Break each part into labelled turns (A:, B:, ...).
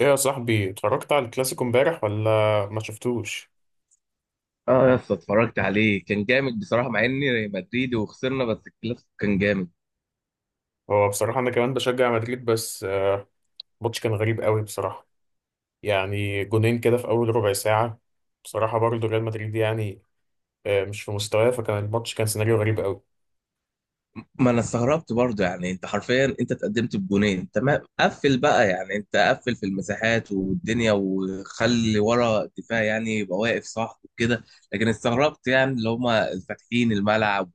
A: ايه يا صاحبي، اتفرجت على الكلاسيكو امبارح ولا ما شفتوش؟
B: اه يا اسطى اتفرجت عليه، كان جامد بصراحه مع اني مدريدي وخسرنا، بس الكلاسيكو كان جامد.
A: هو بصراحة انا كمان بشجع مدريد، بس الماتش كان غريب قوي بصراحة. يعني جونين كده في اول ربع ساعة. بصراحة برضو ريال مدريد يعني مش في مستواه، فكان الماتش كان سيناريو غريب قوي.
B: ما انا استغربت برضه، يعني انت حرفيا انت اتقدمت بجونين، تمام، قفل بقى، يعني انت قفل في المساحات والدنيا وخلي ورا الدفاع، يعني يبقى واقف صح وكده. لكن استغربت يعني اللي هم فاتحين الملعب،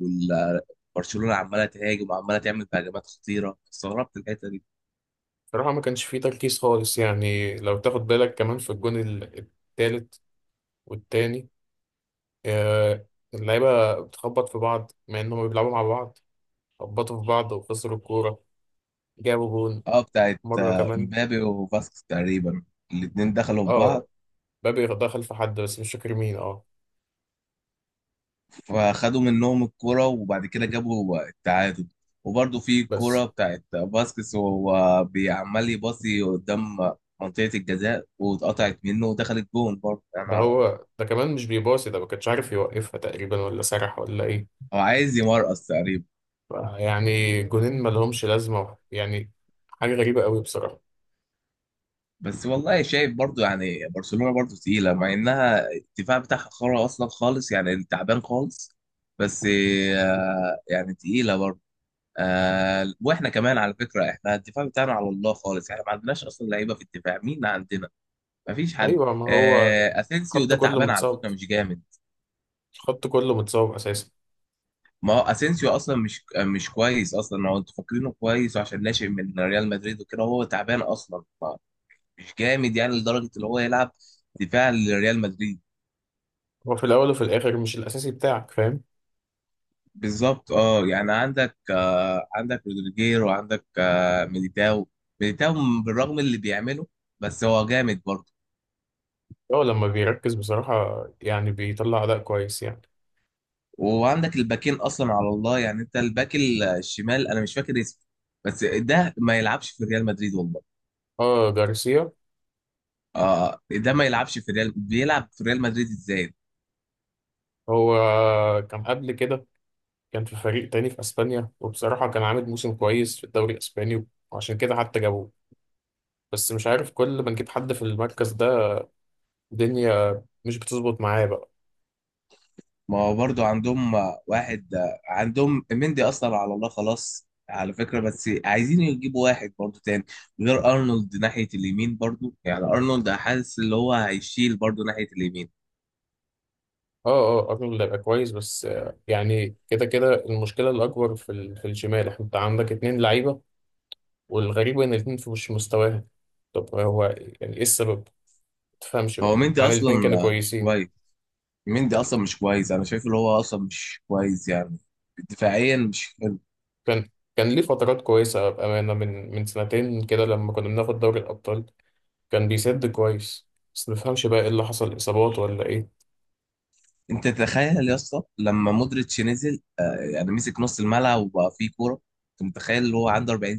B: وبرشلونه عماله تهاجم وعماله تعمل هجمات خطيره، استغربت الحته دي.
A: بصراحة ما كانش فيه تركيز خالص. يعني لو تاخد بالك كمان في الجون التالت والتاني. آه، اللعيبة بتخبط في بعض مع انهم بيلعبوا مع بعض. خبطوا في بعض وخسروا الكورة، جابوا جون
B: اه بتاعت
A: مرة كمان.
B: امبابي وفاسكس تقريبا. الاتنين دخلوا في
A: اه،
B: بعض،
A: مبابي دخل في حد بس مش فاكر مين. اه
B: فخدوا منهم الكرة، وبعد كده جابوا التعادل. وبرضه في
A: بس
B: الكرة بتاعت باسكس وهو بيعمل يباصي قدام منطقة الجزاء، واتقطعت منه ودخلت جون برضه يعني.
A: ده، هو ده كمان مش بيباصي، ده ما كانش عارف يوقفها تقريبا، ولا سرح ولا ايه.
B: هو عايز يمرقص تقريبا.
A: يعني جونين ما لهمش لازمه يعني، حاجه غريبه قوي بصراحه.
B: بس والله شايف برضه يعني برشلونة برضه تقيلة، مع إنها الدفاع بتاعها خرا أصلا خالص، يعني تعبان خالص، بس يعني تقيلة برضه. واحنا كمان على فكرة، احنا الدفاع بتاعنا على الله خالص، يعني ما عندناش أصلا لعيبة في الدفاع. مين عندنا؟ مفيش حد.
A: ايوه، ما هو
B: اسينسيو
A: خط
B: ده
A: كله
B: تعبان على
A: متصاب،
B: فكره، مش جامد.
A: الخط كله متصاب اساسا.
B: ما هو اسينسيو اصلا مش كويس اصلا، هو انتوا فاكرينه كويس عشان ناشئ من ريال مدريد وكده، هو تعبان اصلا. مش جامد، يعني لدرجه اللي هو يلعب دفاع لريال مدريد.
A: هو في الاول وفي الاخر مش الاساسي بتاعك، فاهم.
B: بالظبط. اه يعني عندك آه عندك رودريجير، وعندك آه ميليتاو بالرغم اللي بيعمله بس هو جامد برضه.
A: هو لما بيركز بصراحه يعني بيطلع اداء كويس يعني.
B: وعندك الباكين اصلا على الله يعني. انت الباك الشمال انا مش فاكر اسمه، بس ده ما يلعبش في ريال مدريد والله.
A: اه جارسيا،
B: اه، ده ما يلعبش في ريال، بيلعب في ريال مدريد ازاي؟
A: هو كان قبل كده، كان في فريق تاني في اسبانيا، وبصراحه كان عامل موسم كويس في الدوري الاسباني، وعشان كده حتى جابوه. بس مش عارف، كل ما نجيب حد في المركز ده الدنيا مش بتظبط معاه بقى.
B: ما هو برضو عندهم واحد، عندهم مندي، اثر على الله خلاص على فكرة، بس عايزين يجيبوا واحد برضو تاني غير ارنولد ناحية اليمين. برضو يعني ارنولد حاسس اللي هو هيشيل برضو ناحية اليمين.
A: اه اه، ارنولد هيبقى كويس، بس يعني كده كده المشكله الاكبر في في الشمال، احنا انت عندك اتنين لعيبه، والغريب ان الاتنين في مش مستواهم. طب هو يعني ايه السبب؟ ما تفهمش
B: هو
A: بقى
B: مندي
A: مع ان
B: اصلا
A: الاتنين كانوا
B: مش
A: كويسين.
B: كويس. مندي اصلا مش كويس، انا شايف اللي هو اصلا مش كويس يعني، دفاعيا مش حلو.
A: كان كان ليه فترات كويسة بأمانة، من سنتين كده لما كنا بناخد دوري الأبطال، كان بيسد كويس. بس مفهمش بقى ايه اللي حصل، اصابات ولا ايه.
B: انت تخيل يا اسطى لما مودريتش نزل، يعني مسك نص الملعب وبقى فيه كورة. انت متخيل اللي هو عنده 40؟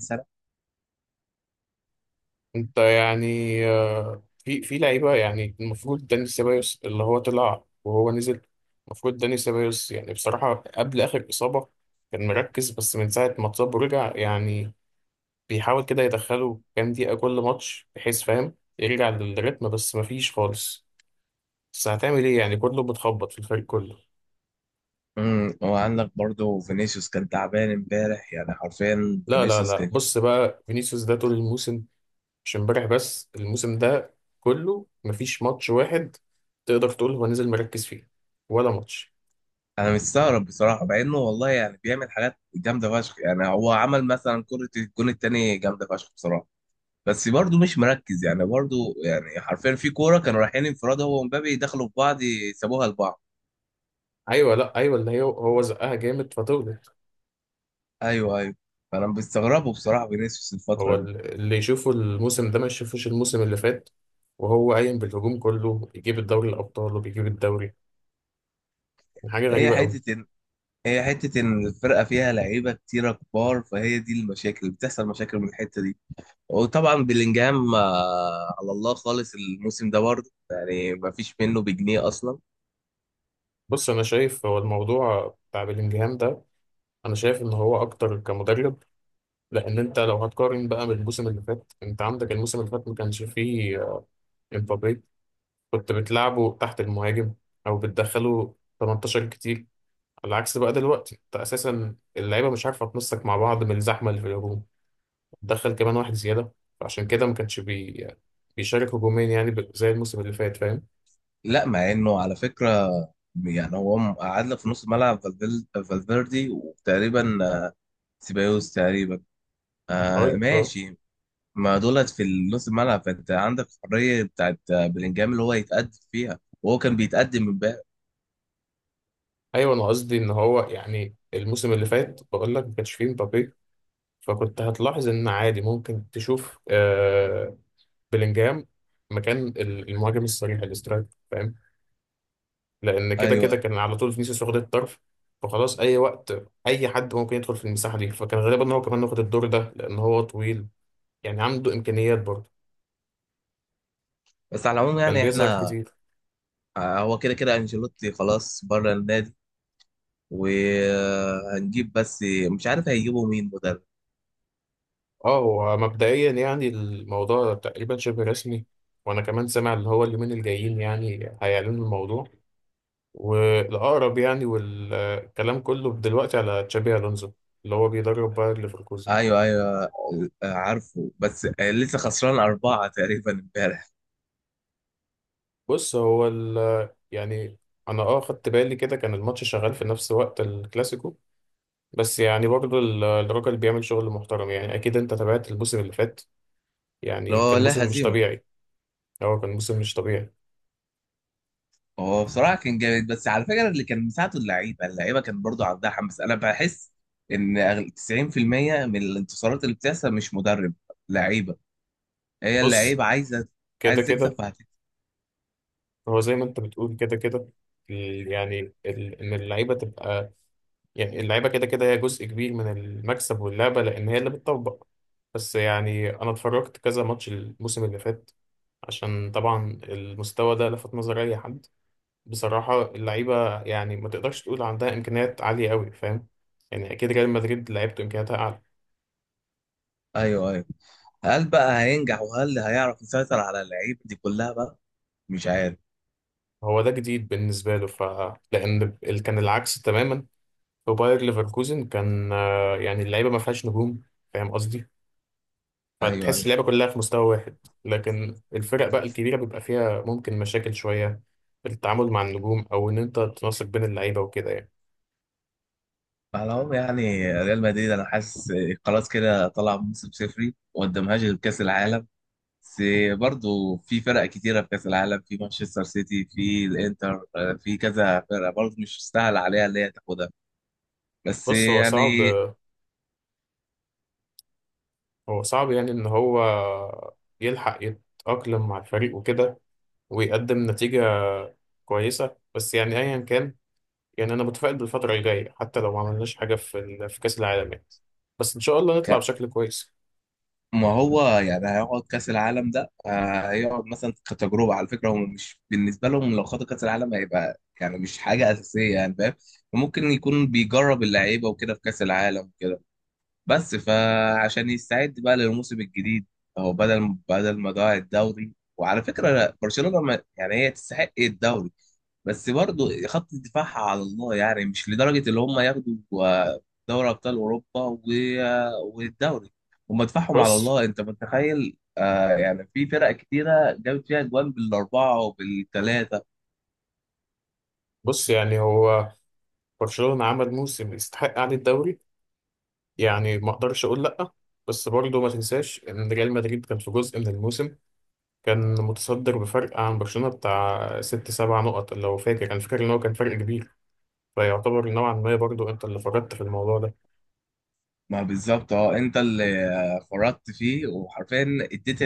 A: انت يعني في لعيبه، يعني المفروض داني سيبايوس اللي هو طلع وهو نزل. المفروض داني سيبايوس يعني بصراحه قبل اخر اصابه كان مركز، بس من ساعه ما اتصاب ورجع يعني بيحاول كده يدخله كام دقيقه كل ماتش، بحيث، فاهم، يرجع للريتم، بس مفيش خالص. بس هتعمل ايه، يعني كله بتخبط في الفريق كله.
B: وعندك برضو فينيسيوس كان تعبان امبارح، يعني حرفيا
A: لا لا
B: فينيسيوس
A: لا،
B: كان
A: بص بقى فينيسيوس ده طول الموسم، مش امبارح بس، الموسم ده كله مفيش ماتش واحد تقدر تقول هو نزل مركز فيه، ولا ماتش.
B: انا مستغرب بصراحه، مع انه والله يعني بيعمل حاجات جامده فشخ، يعني هو عمل مثلا كره الجون التاني جامده فشخ بصراحه، بس برضو مش مركز يعني برضو. يعني حرفيا في كوره كانوا رايحين انفراد، هو ومبابي دخلوا في بعض، سابوها لبعض.
A: ايوه، لا ايوه، اللي هي هو زقها جامد فتولد.
B: ايوه، ايوه. فانا بستغربه بصراحه فينيسيوس
A: هو
B: الفتره دي.
A: اللي يشوفه الموسم ده ما يشوفوش الموسم اللي فات، وهو قايم بالهجوم كله، بيجيب الدوري الابطال وبيجيب الدوري. يعني حاجه
B: هي
A: غريبه قوي.
B: حته ان هي حته ان الفرقه فيها لعيبه كتيره كبار، فهي دي، المشاكل بتحصل مشاكل من الحته دي. وطبعا بلينجهام على الله خالص الموسم ده برضه، يعني ما فيش منه بجنيه اصلا.
A: بص، انا شايف هو الموضوع بتاع بلينجهام ده، انا شايف ان هو اكتر كمدرب. لان انت لو هتقارن بقى بالموسم اللي فات، انت عندك الموسم اللي فات ما كانش فيه امبابي. كنت بتلعبه تحت المهاجم او بتدخله 18 كتير. على عكس بقى دلوقتي، انت اساسا اللعيبه مش عارفه تنسق مع بعض من الزحمه اللي في الهجوم، تدخل كمان واحد زياده. فعشان كده ما كانش بيشارك هجومين، يعني زي الموسم اللي فات، فاهم.
B: لا مع انه على فكره، يعني هو قعدنا في نص ملعب فالفيردي، وتقريبا سيبايوس تقريبا. آه
A: ايوه آه.
B: ماشي. ما دولت في نص الملعب، فانت عندك حريه بتاعت بلينجهام اللي هو يتقدم فيها، وهو كان بيتقدم من بقى.
A: ايوه انا قصدي ان هو يعني الموسم اللي فات، بقول لك ما كانش فيه مبابي، فكنت هتلاحظ ان عادي ممكن تشوف آه بلينجهام مكان المهاجم الصريح الاسترايك، فاهم؟ لان كده كده
B: ايوه،
A: كان على طول فينيسيوس واخد الطرف، فخلاص اي وقت اي حد ممكن يدخل في المساحه دي، فكان غالبا ان هو كمان واخد الدور ده لان هو طويل يعني عنده امكانيات برضه،
B: بس على العموم
A: كان
B: يعني
A: بيظهر
B: احنا
A: كتير.
B: هو كده كده انشيلوتي خلاص بره النادي، وهنجيب بس مش عارف هيجيبوا مين مدرب.
A: اه هو مبدئيا يعني الموضوع تقريبا شبه رسمي، وانا كمان سامع ان هو اليومين الجايين يعني هيعلنوا الموضوع، والاقرب يعني والكلام كله دلوقتي على تشابي الونزو اللي هو بيدرب باير ليفركوزن.
B: ايوه ايوه. عارفه، بس لسه خسران اربعه تقريبا امبارح.
A: بص هو يعني انا اه خدت بالي كده، كان الماتش شغال في نفس وقت الكلاسيكو، بس يعني برضه الراجل بيعمل شغل محترم يعني. اكيد انت تابعت الموسم اللي فات، يعني كان
B: لا لا،
A: موسم مش
B: هزيمه.
A: طبيعي. هو كان موسم مش طبيعي.
B: هو بصراحه كان جامد، بس على فكره اللي كان مساعده اللعيبه، كان برضو عندها حماس. انا بحس ان 90% من الانتصارات اللي بتحصل مش مدرب، لعيبه. هي
A: بص
B: اللعيبه عايزه
A: كده
B: عايز تكسب
A: كده،
B: فهتكسب.
A: هو زي ما انت بتقول كده كده يعني ان اللعيبه تبقى، يعني اللعيبه كده كده هي جزء كبير من المكسب واللعبه، لان هي اللي بتطبق. بس يعني انا اتفرجت كذا ماتش الموسم اللي فات عشان طبعا المستوى ده لفت نظر اي حد. بصراحة اللعيبة يعني ما تقدرش تقول عندها إمكانيات عالية أوي، فاهم. يعني أكيد ريال مدريد لعيبته إمكانياتها أعلى.
B: ايوه ايوه. هل بقى هينجح، وهل هيعرف يسيطر على اللعيبه دي كلها بقى؟ مش عارف.
A: هو ده جديد بالنسبة له ف، لأن كان العكس تماما في باير ليفركوزن، كان يعني اللعيبة ما فيهاش نجوم، فاهم قصدي،
B: ايوه
A: فتحس
B: ايوه.
A: اللعيبة كلها في مستوى واحد. لكن الفرق بقى الكبيرة بيبقى فيها ممكن مشاكل شوية في التعامل مع النجوم، أو إن أنت تنسق بين اللعيبة وكده يعني.
B: على العموم يعني ريال مدريد انا حاسس خلاص كده طلع موسم صفري، وما قدامهاش غير كاس العالم. بس برضه في فرق كتيره في كاس العالم، في مانشستر سيتي، في الانتر، في كذا فرقه برضه مش سهل عليها اللي هي تاخدها بس
A: بص هو صعب،
B: يعني.
A: هو صعب يعني إن هو يلحق يتأقلم مع الفريق وكده ويقدم نتيجة كويسة، بس يعني أيا كان، يعني أنا متفائل بالفترة الجاية حتى لو ما عملناش حاجة في في كأس العالم يعني، بس إن شاء الله نطلع بشكل كويس.
B: ما هو يعني هيقعد كاس العالم ده، هيقعد مثلا كتجربه. على فكره هم مش بالنسبه لهم لو خدوا كاس العالم هيبقى يعني مش حاجه اساسيه، يعني فاهم. ممكن يكون بيجرب اللعيبه وكده في كاس العالم، بس فعشان يستعد بقى للموسم الجديد، هو بدل ما ضاع الدوري، وعلى فكره برشلونه يعني هي تستحق الدوري، بس برضه خط دفاعها على الله، يعني مش لدرجه اللي هم ياخدوا آه، دوري ابطال اوروبا والدوري. هم دفاعهم على
A: بص
B: الله، انت متخيل آه يعني في فرق كتيره جابت فيها اجوان بالاربعه وبالثلاثه.
A: بص يعني هو برشلونة عمل موسم يستحق قعدة الدوري، يعني ما أقدرش أقول لأ. بس برضه ما تنساش إن ريال مدريد كان في جزء من الموسم كان متصدر بفرق عن برشلونة بتاع ست سبع نقط، لو فاكر، أنا فاكر إن هو كان فرق كبير، فيعتبر نوعا ما برضه أنت اللي فرطت في الموضوع ده.
B: ما بالظبط اه، انت اللي فرطت فيه، وحرفيا اديت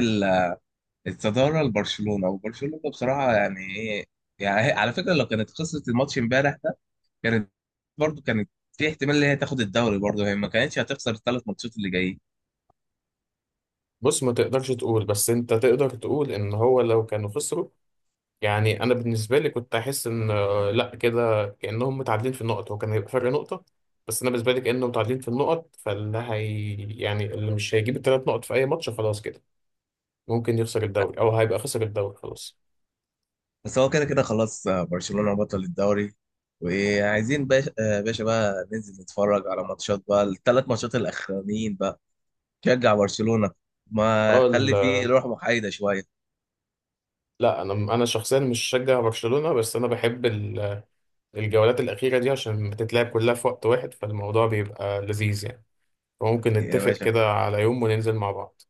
B: الصدارة لبرشلونة. وبرشلونة بصراحة يعني ايه يعني، على فكرة لو كانت خسرت الماتش امبارح ده، كانت برضو كانت في احتمال ان هي تاخد الدوري برضو، هي ما كانتش هتخسر الثلاث ماتشات اللي جايين.
A: بص ما تقدرش تقول، بس انت تقدر تقول ان هو لو كانوا خسروا، يعني انا بالنسبه لي كنت احس ان لا كده كانهم متعادلين في النقط، هو كان هيبقى فرق نقطه، بس انا بالنسبه لي كانهم متعادلين في النقط، فاللي هي يعني اللي مش هيجيب الثلاث نقط في اي ماتش خلاص كده ممكن يخسر الدوري، او هيبقى خسر الدوري خلاص.
B: بس هو كده كده خلاص برشلونة بطل الدوري، وعايزين باشا، باشا بقى ننزل نتفرج على ماتشات بقى، الثلاث ماتشات الاخرانيين بقى. شجع برشلونة، ما
A: اه
B: خلي فيه روح محايدة شوية
A: لا انا شخصيا مش شجع برشلونه، بس انا بحب الجولات الاخيره دي عشان بتتلعب كلها في وقت واحد، فالموضوع بيبقى لذيذ يعني، فممكن
B: يا
A: نتفق
B: باشا.
A: كده على يوم وننزل مع بعض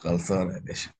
B: خلصانة يا باشا.